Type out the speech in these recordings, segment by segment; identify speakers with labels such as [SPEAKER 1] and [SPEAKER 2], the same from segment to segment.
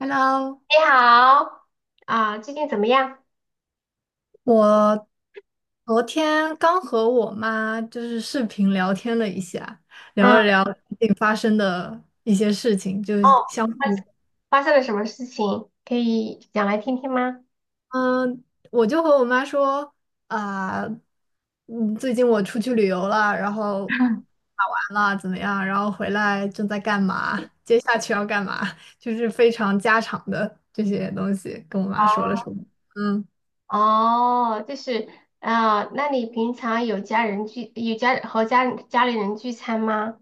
[SPEAKER 1] Hello，
[SPEAKER 2] 你好，啊，最近怎么样？
[SPEAKER 1] 我昨天刚和我妈就是视频聊天了一下，聊
[SPEAKER 2] 嗯，
[SPEAKER 1] 了聊最近发生的一些事情，就
[SPEAKER 2] 哦，
[SPEAKER 1] 是相
[SPEAKER 2] 发生
[SPEAKER 1] 比。
[SPEAKER 2] 发生了什么事情？可以讲来听听吗？
[SPEAKER 1] 嗯，我就和我妈说啊。最近我出去旅游了，然后 打完了怎么样，然后回来正在干嘛，接下去要干嘛，就是非常家常的这些东西，跟我妈说了说。嗯
[SPEAKER 2] 哦，就是，啊，那你平常有家人聚，有家和家家里人聚餐吗？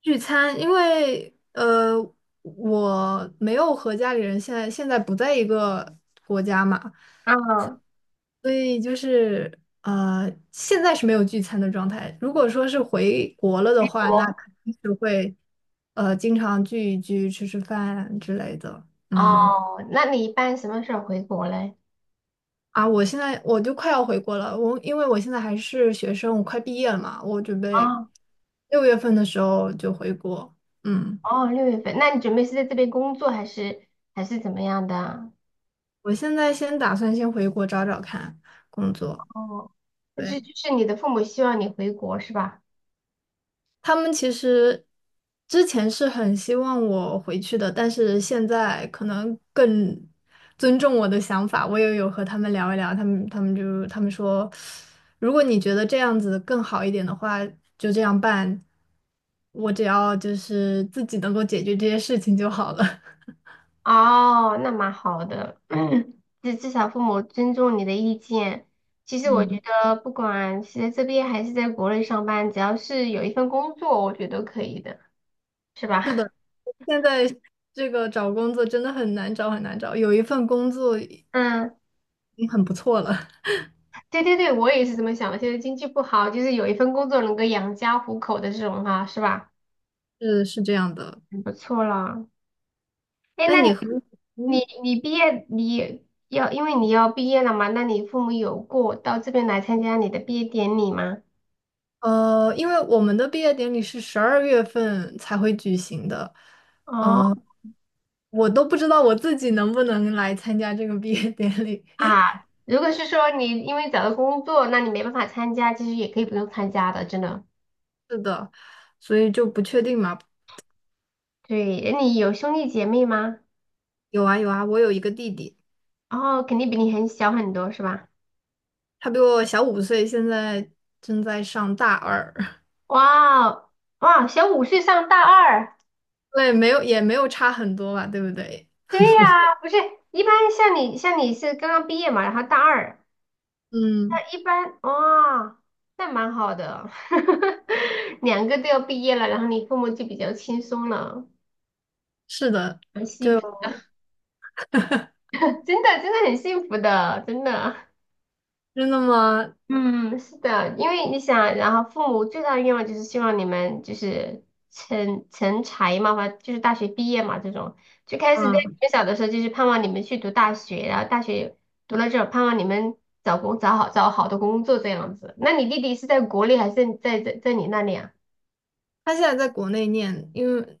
[SPEAKER 1] 聚餐，因为我没有和家里人现在不在一个国家嘛，
[SPEAKER 2] 嗯，
[SPEAKER 1] 所以就是现在是没有聚餐的状态。如果说是回国了的
[SPEAKER 2] 回
[SPEAKER 1] 话，
[SPEAKER 2] 国。
[SPEAKER 1] 那肯定是会经常聚一聚、吃吃饭之类的。嗯，
[SPEAKER 2] 哦，那你一般什么时候回国嘞？
[SPEAKER 1] 啊，我现在我就快要回国了，因为我现在还是学生，我快毕业了嘛，我准备
[SPEAKER 2] 哦，
[SPEAKER 1] 6月份的时候就回国。嗯。
[SPEAKER 2] 哦，6月份，那你准备是在这边工作还是怎么样的？
[SPEAKER 1] 我现在先打算先回国找找看工作。
[SPEAKER 2] 哦，就是
[SPEAKER 1] 对，
[SPEAKER 2] 就是你的父母希望你回国是吧？
[SPEAKER 1] 他们其实之前是很希望我回去的，但是现在可能更尊重我的想法。我也有和他们聊一聊，他们说，如果你觉得这样子更好一点的话，就这样办。我只要就是自己能够解决这些事情就好了。
[SPEAKER 2] 哦，那蛮好的，至少父母尊重你的意见。其实我觉
[SPEAKER 1] 嗯，
[SPEAKER 2] 得，不管是在这边还是在国内上班，只要是有一份工作，我觉得都可以的，是吧？
[SPEAKER 1] 是 的，现在这个找工作真的很难找，很难找。有一份工作。
[SPEAKER 2] 嗯，
[SPEAKER 1] 已经很不错了。
[SPEAKER 2] 对对对，我也是这么想的。现在经济不好，就是有一份工作能够养家糊口的这种哈，是吧？
[SPEAKER 1] 是是这样的。
[SPEAKER 2] 很不错了。哎，
[SPEAKER 1] 那
[SPEAKER 2] 那
[SPEAKER 1] 你和
[SPEAKER 2] 你
[SPEAKER 1] 嗯
[SPEAKER 2] 你你毕业你要，因为你要毕业了嘛，那你父母有过到这边来参加你的毕业典礼吗？
[SPEAKER 1] 呃，因为我们的毕业典礼是12月份才会举行的，
[SPEAKER 2] 哦。
[SPEAKER 1] 呃，我都不知道我自己能不能来参加这个毕业典礼。
[SPEAKER 2] 啊，如果是说你因为找到工作，那你没办法参加，其实也可以不用参加的，真的。
[SPEAKER 1] 是的，所以就不确定嘛。
[SPEAKER 2] 对，诶你有兄弟姐妹吗？
[SPEAKER 1] 有啊有啊，我有一个弟弟，
[SPEAKER 2] 哦，肯定比你很小很多，是吧？
[SPEAKER 1] 他比我小5岁，现在正在上大二。
[SPEAKER 2] 哇哦，哇，小5岁上大二，
[SPEAKER 1] 对，没有也没有差很多吧，对不对？
[SPEAKER 2] 对呀，不是，一般像你是刚刚毕业嘛，然后大二，
[SPEAKER 1] 嗯，
[SPEAKER 2] 那一般哇，那蛮好的，两个都要毕业了，然后你父母就比较轻松了，
[SPEAKER 1] 是的，
[SPEAKER 2] 很幸福，真的真的很幸福的，真的。
[SPEAKER 1] 真的吗？
[SPEAKER 2] 嗯，是的，因为你想，然后父母最大的愿望就是希望你们就是成才嘛，或就是大学毕业嘛，这种最开始在你
[SPEAKER 1] 嗯。
[SPEAKER 2] 们小的时候就是盼望你们去读大学，然后大学读了之后盼望你们找好的工作这样子。那你弟弟是在国内还是在你那里啊？
[SPEAKER 1] 他现在在国内念，因为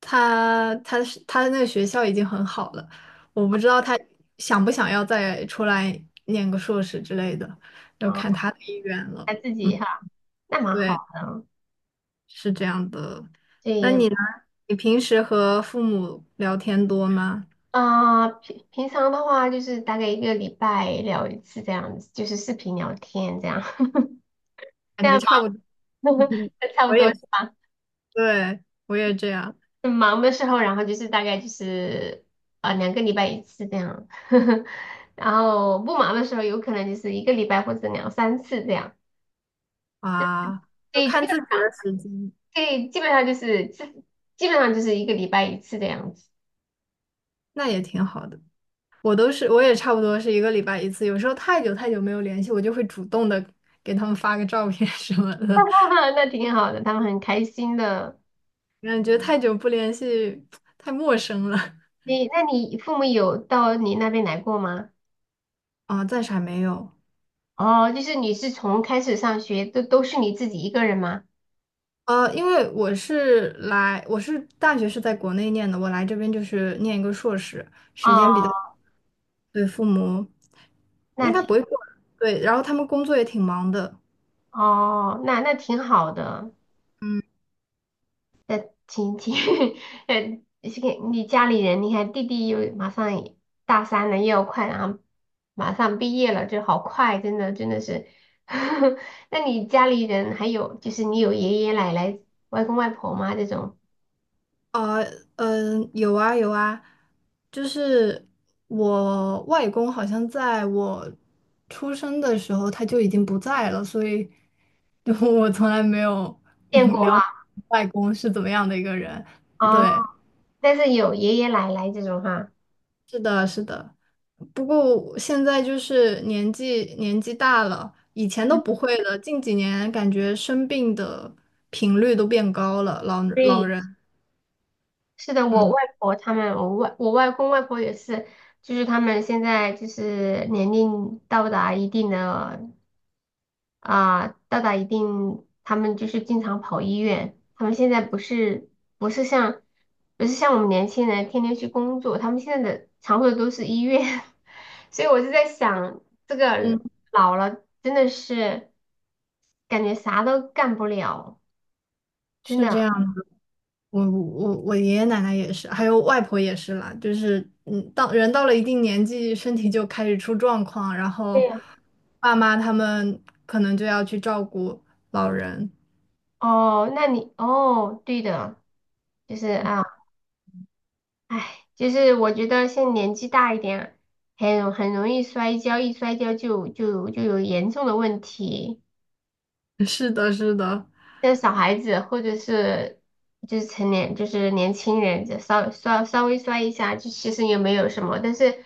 [SPEAKER 1] 他那个学校已经很好了，我不知道他想不想要再出来念个硕士之类的，要
[SPEAKER 2] 啊，
[SPEAKER 1] 看他的意愿了。
[SPEAKER 2] 他自
[SPEAKER 1] 嗯，
[SPEAKER 2] 己哈，那蛮
[SPEAKER 1] 对，
[SPEAKER 2] 好的啊。
[SPEAKER 1] 是这样的。那
[SPEAKER 2] 对，
[SPEAKER 1] 你呢？你平时和父母聊天多吗？
[SPEAKER 2] 啊、平常的话就是大概一个礼拜聊一次这样子，就是视频聊天这样，这
[SPEAKER 1] 感觉
[SPEAKER 2] 样吧，
[SPEAKER 1] 差不多。
[SPEAKER 2] 差不
[SPEAKER 1] 我也
[SPEAKER 2] 多。
[SPEAKER 1] 是，对，我也这样
[SPEAKER 2] 很忙的时候，然后就是大概就是2个礼拜一次这样，然后不忙的时候，有可能就是一个礼拜或者两三次这样。
[SPEAKER 1] 啊，
[SPEAKER 2] 所
[SPEAKER 1] 就
[SPEAKER 2] 以基
[SPEAKER 1] 看
[SPEAKER 2] 本
[SPEAKER 1] 自己
[SPEAKER 2] 上，
[SPEAKER 1] 的时间，
[SPEAKER 2] 对，基本上就是一个礼拜一次这样子。
[SPEAKER 1] 那也挺好的。我都是，我也差不多是一个礼拜一次，有时候太久太久没有联系，我就会主动的给他们发个照片 什么的，
[SPEAKER 2] 那挺好的，他们很开心的。
[SPEAKER 1] 感觉太久不联系，太陌生了。
[SPEAKER 2] 那你父母有到你那边来过吗？
[SPEAKER 1] 啊，暂时还没有。
[SPEAKER 2] 哦，就是你是从开始上学都是你自己一个人吗？
[SPEAKER 1] 因为我是来，我是大学是在国内念的，我来这边就是念一个硕士，时
[SPEAKER 2] 哦，
[SPEAKER 1] 间比较，对，父母
[SPEAKER 2] 那
[SPEAKER 1] 应该
[SPEAKER 2] 挺
[SPEAKER 1] 不会过来，对，然后他们工作也挺忙的。
[SPEAKER 2] 哦，那挺好的。
[SPEAKER 1] 嗯。
[SPEAKER 2] 的亲戚，呃，是给你家里人，你看弟弟又马上也大三了，又要快，然后马上毕业了，就好快，真的真的是。那你家里人还有就是你有爷爷奶奶、外公外婆吗？这种
[SPEAKER 1] 啊，嗯，有啊有啊，就是我外公好像在我出生的时候他就已经不在了，所以就 我从来没有
[SPEAKER 2] 见过
[SPEAKER 1] 了解外公是怎么样的一个人。
[SPEAKER 2] 啊，哦
[SPEAKER 1] 对，
[SPEAKER 2] 但是有爷爷奶奶这种哈。
[SPEAKER 1] 不过我现在就是年纪大了，以前都不会了，近几年感觉生病的频率都变高了，老老
[SPEAKER 2] 对，
[SPEAKER 1] 人，
[SPEAKER 2] 是的，我外
[SPEAKER 1] 嗯
[SPEAKER 2] 婆他们，我外公外婆也是，就是他们现在就是年龄到达一定的。啊，到达一定，他们就是经常跑医院。他们现在不是像不是像我们年轻人天天去工作，他们现在的常规都是医院。所以我就在想，这个
[SPEAKER 1] 嗯，
[SPEAKER 2] 老了真的是感觉啥都干不了，真
[SPEAKER 1] 是这
[SPEAKER 2] 的。
[SPEAKER 1] 样。我爷爷奶奶也是，还有外婆也是啦，就是嗯，到人到了一定年纪，身体就开始出状况，然
[SPEAKER 2] 对
[SPEAKER 1] 后
[SPEAKER 2] 呀。
[SPEAKER 1] 爸妈他们可能就要去照顾老人。
[SPEAKER 2] 哦，那你哦，对的，就是啊。唉，就是我觉得现在年纪大一点，很容易摔跤，一摔跤就有严重的问题。
[SPEAKER 1] 是的，是的，
[SPEAKER 2] 像小孩子或者是就是成年就是年轻人，就稍微摔一下，就其实也没有什么。但是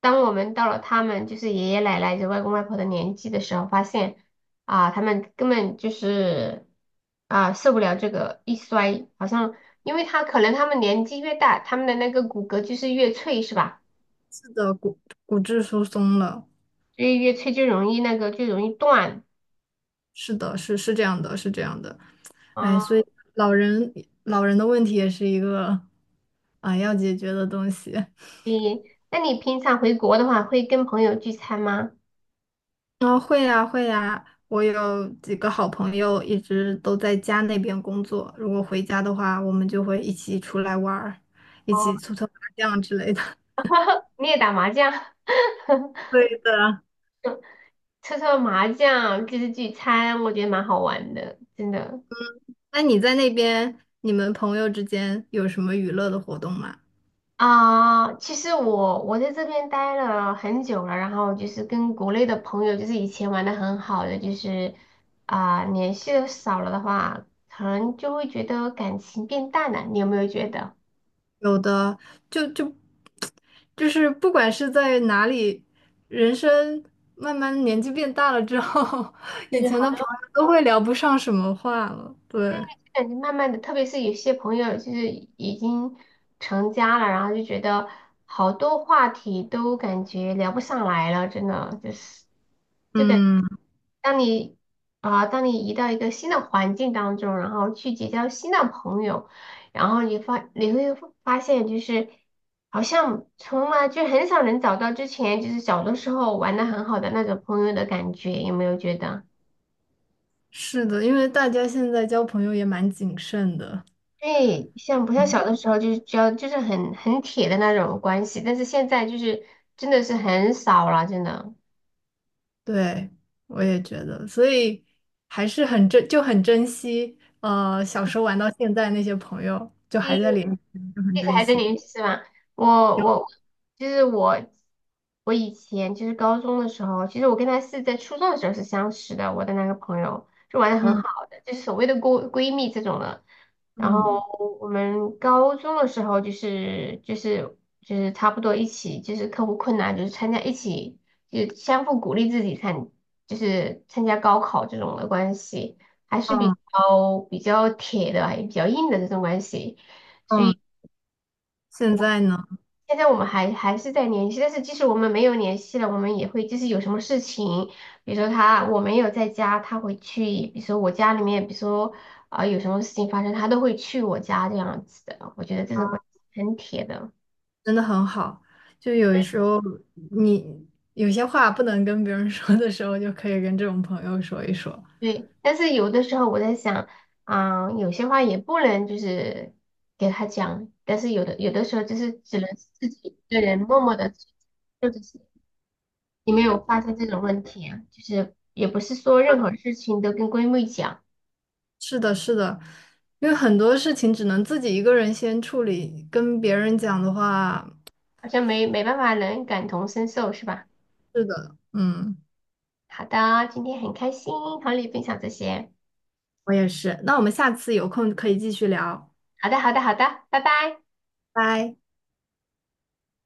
[SPEAKER 2] 当我们到了他们就是爷爷奶奶、就外公外婆的年纪的时候，发现啊，他们根本就是啊受不了这个一摔，好像因为他可能他们年纪越大，他们的那个骨骼就是越脆，是吧？
[SPEAKER 1] 是的，骨质疏松了，
[SPEAKER 2] 越吹就容易那个就容易断
[SPEAKER 1] 是的，是是这样的，是这样的。哎，所
[SPEAKER 2] 啊。
[SPEAKER 1] 以老人老人的问题也是一个啊要解决的东西。
[SPEAKER 2] 你那你平常回国的话，会跟朋友聚餐吗？
[SPEAKER 1] 啊，会呀，会呀，我有几个好朋友一直都在家那边工作，如果回家的话，我们就会一起出来玩儿，一起
[SPEAKER 2] 哦，
[SPEAKER 1] 搓搓麻将之类的。
[SPEAKER 2] 你也打麻将，
[SPEAKER 1] 对的。
[SPEAKER 2] 搓搓麻将就是聚餐，我觉得蛮好玩的，真的。
[SPEAKER 1] 那你在那边，你们朋友之间有什么娱乐的活动吗？
[SPEAKER 2] 啊、其实我在这边待了很久了，然后就是跟国内的朋友，就是以前玩的很好的，就是啊、联系的少了的话，可能就会觉得感情变淡了。你有没有觉得？
[SPEAKER 1] 有的，就就就是不管是在哪里，人生慢慢年纪变大了之后，
[SPEAKER 2] 这
[SPEAKER 1] 以
[SPEAKER 2] 就
[SPEAKER 1] 前的
[SPEAKER 2] 好。
[SPEAKER 1] 朋友都会聊不上什么话了。对，
[SPEAKER 2] 感觉慢慢的，特别是有些朋友就是已经成家了，然后就觉得好多话题都感觉聊不上来了，真的就是就感
[SPEAKER 1] 嗯。
[SPEAKER 2] 当你当你移到一个新的环境当中，然后去结交新的朋友，然后你会发现就是好像从来就很少能找到之前就是小的时候玩的很好的那种朋友的感觉，有没有觉得？
[SPEAKER 1] 是的，因为大家现在交朋友也蛮谨慎的，
[SPEAKER 2] 对，像不像小的时候就是只要就是很铁的那种关系，但是现在就是真的是很少了，真的。
[SPEAKER 1] 对，我也觉得，所以还是就很珍惜，小时候玩到现在那些朋友，就还在
[SPEAKER 2] 对
[SPEAKER 1] 联系，就很
[SPEAKER 2] 这次
[SPEAKER 1] 珍
[SPEAKER 2] 还在
[SPEAKER 1] 惜。
[SPEAKER 2] 联系是吧？我
[SPEAKER 1] 有，
[SPEAKER 2] 我就是我，我以前就是高中的时候，其实我跟她是在初中的时候是相识的，我的那个朋友就玩的很好
[SPEAKER 1] 嗯
[SPEAKER 2] 的，就是所谓的闺蜜这种的。然后
[SPEAKER 1] 嗯
[SPEAKER 2] 我们高中的时候就是差不多一起就是克服困难，就是参加一起就是相互鼓励自己参就是参加高考这种的关系，还是比
[SPEAKER 1] 嗯
[SPEAKER 2] 较比较铁的，也比较硬的这种关系。
[SPEAKER 1] 嗯，现在呢，
[SPEAKER 2] 现在我们还是在联系，但是即使我们没有联系了，我们也会就是有什么事情，比如说他我没有在家，他会去，比如说我家里面，比如说啊、有什么事情发生，他都会去我家这样子的。我觉得这种关系很铁的，
[SPEAKER 1] 真的很好，就有时候你有些话不能跟别人 说的时候，就可以跟这种朋友说一说。
[SPEAKER 2] 对。但是有的时候我在想，啊、有些话也不能就是给他讲，但是有的时候就是只能自己一个人默默的做这些，或者是你没有发现这种问题啊，就是也不是说任何事情都跟闺蜜讲。
[SPEAKER 1] 是的，是的。因为很多事情只能自己一个人先处理，跟别人讲的话，
[SPEAKER 2] 好像没办法能感同身受是吧？
[SPEAKER 1] 是的，嗯，
[SPEAKER 2] 好的，今天很开心和你分享这些。
[SPEAKER 1] 我也是。那我们下次有空可以继续聊，
[SPEAKER 2] 好的，好的，好的，拜拜。
[SPEAKER 1] 拜。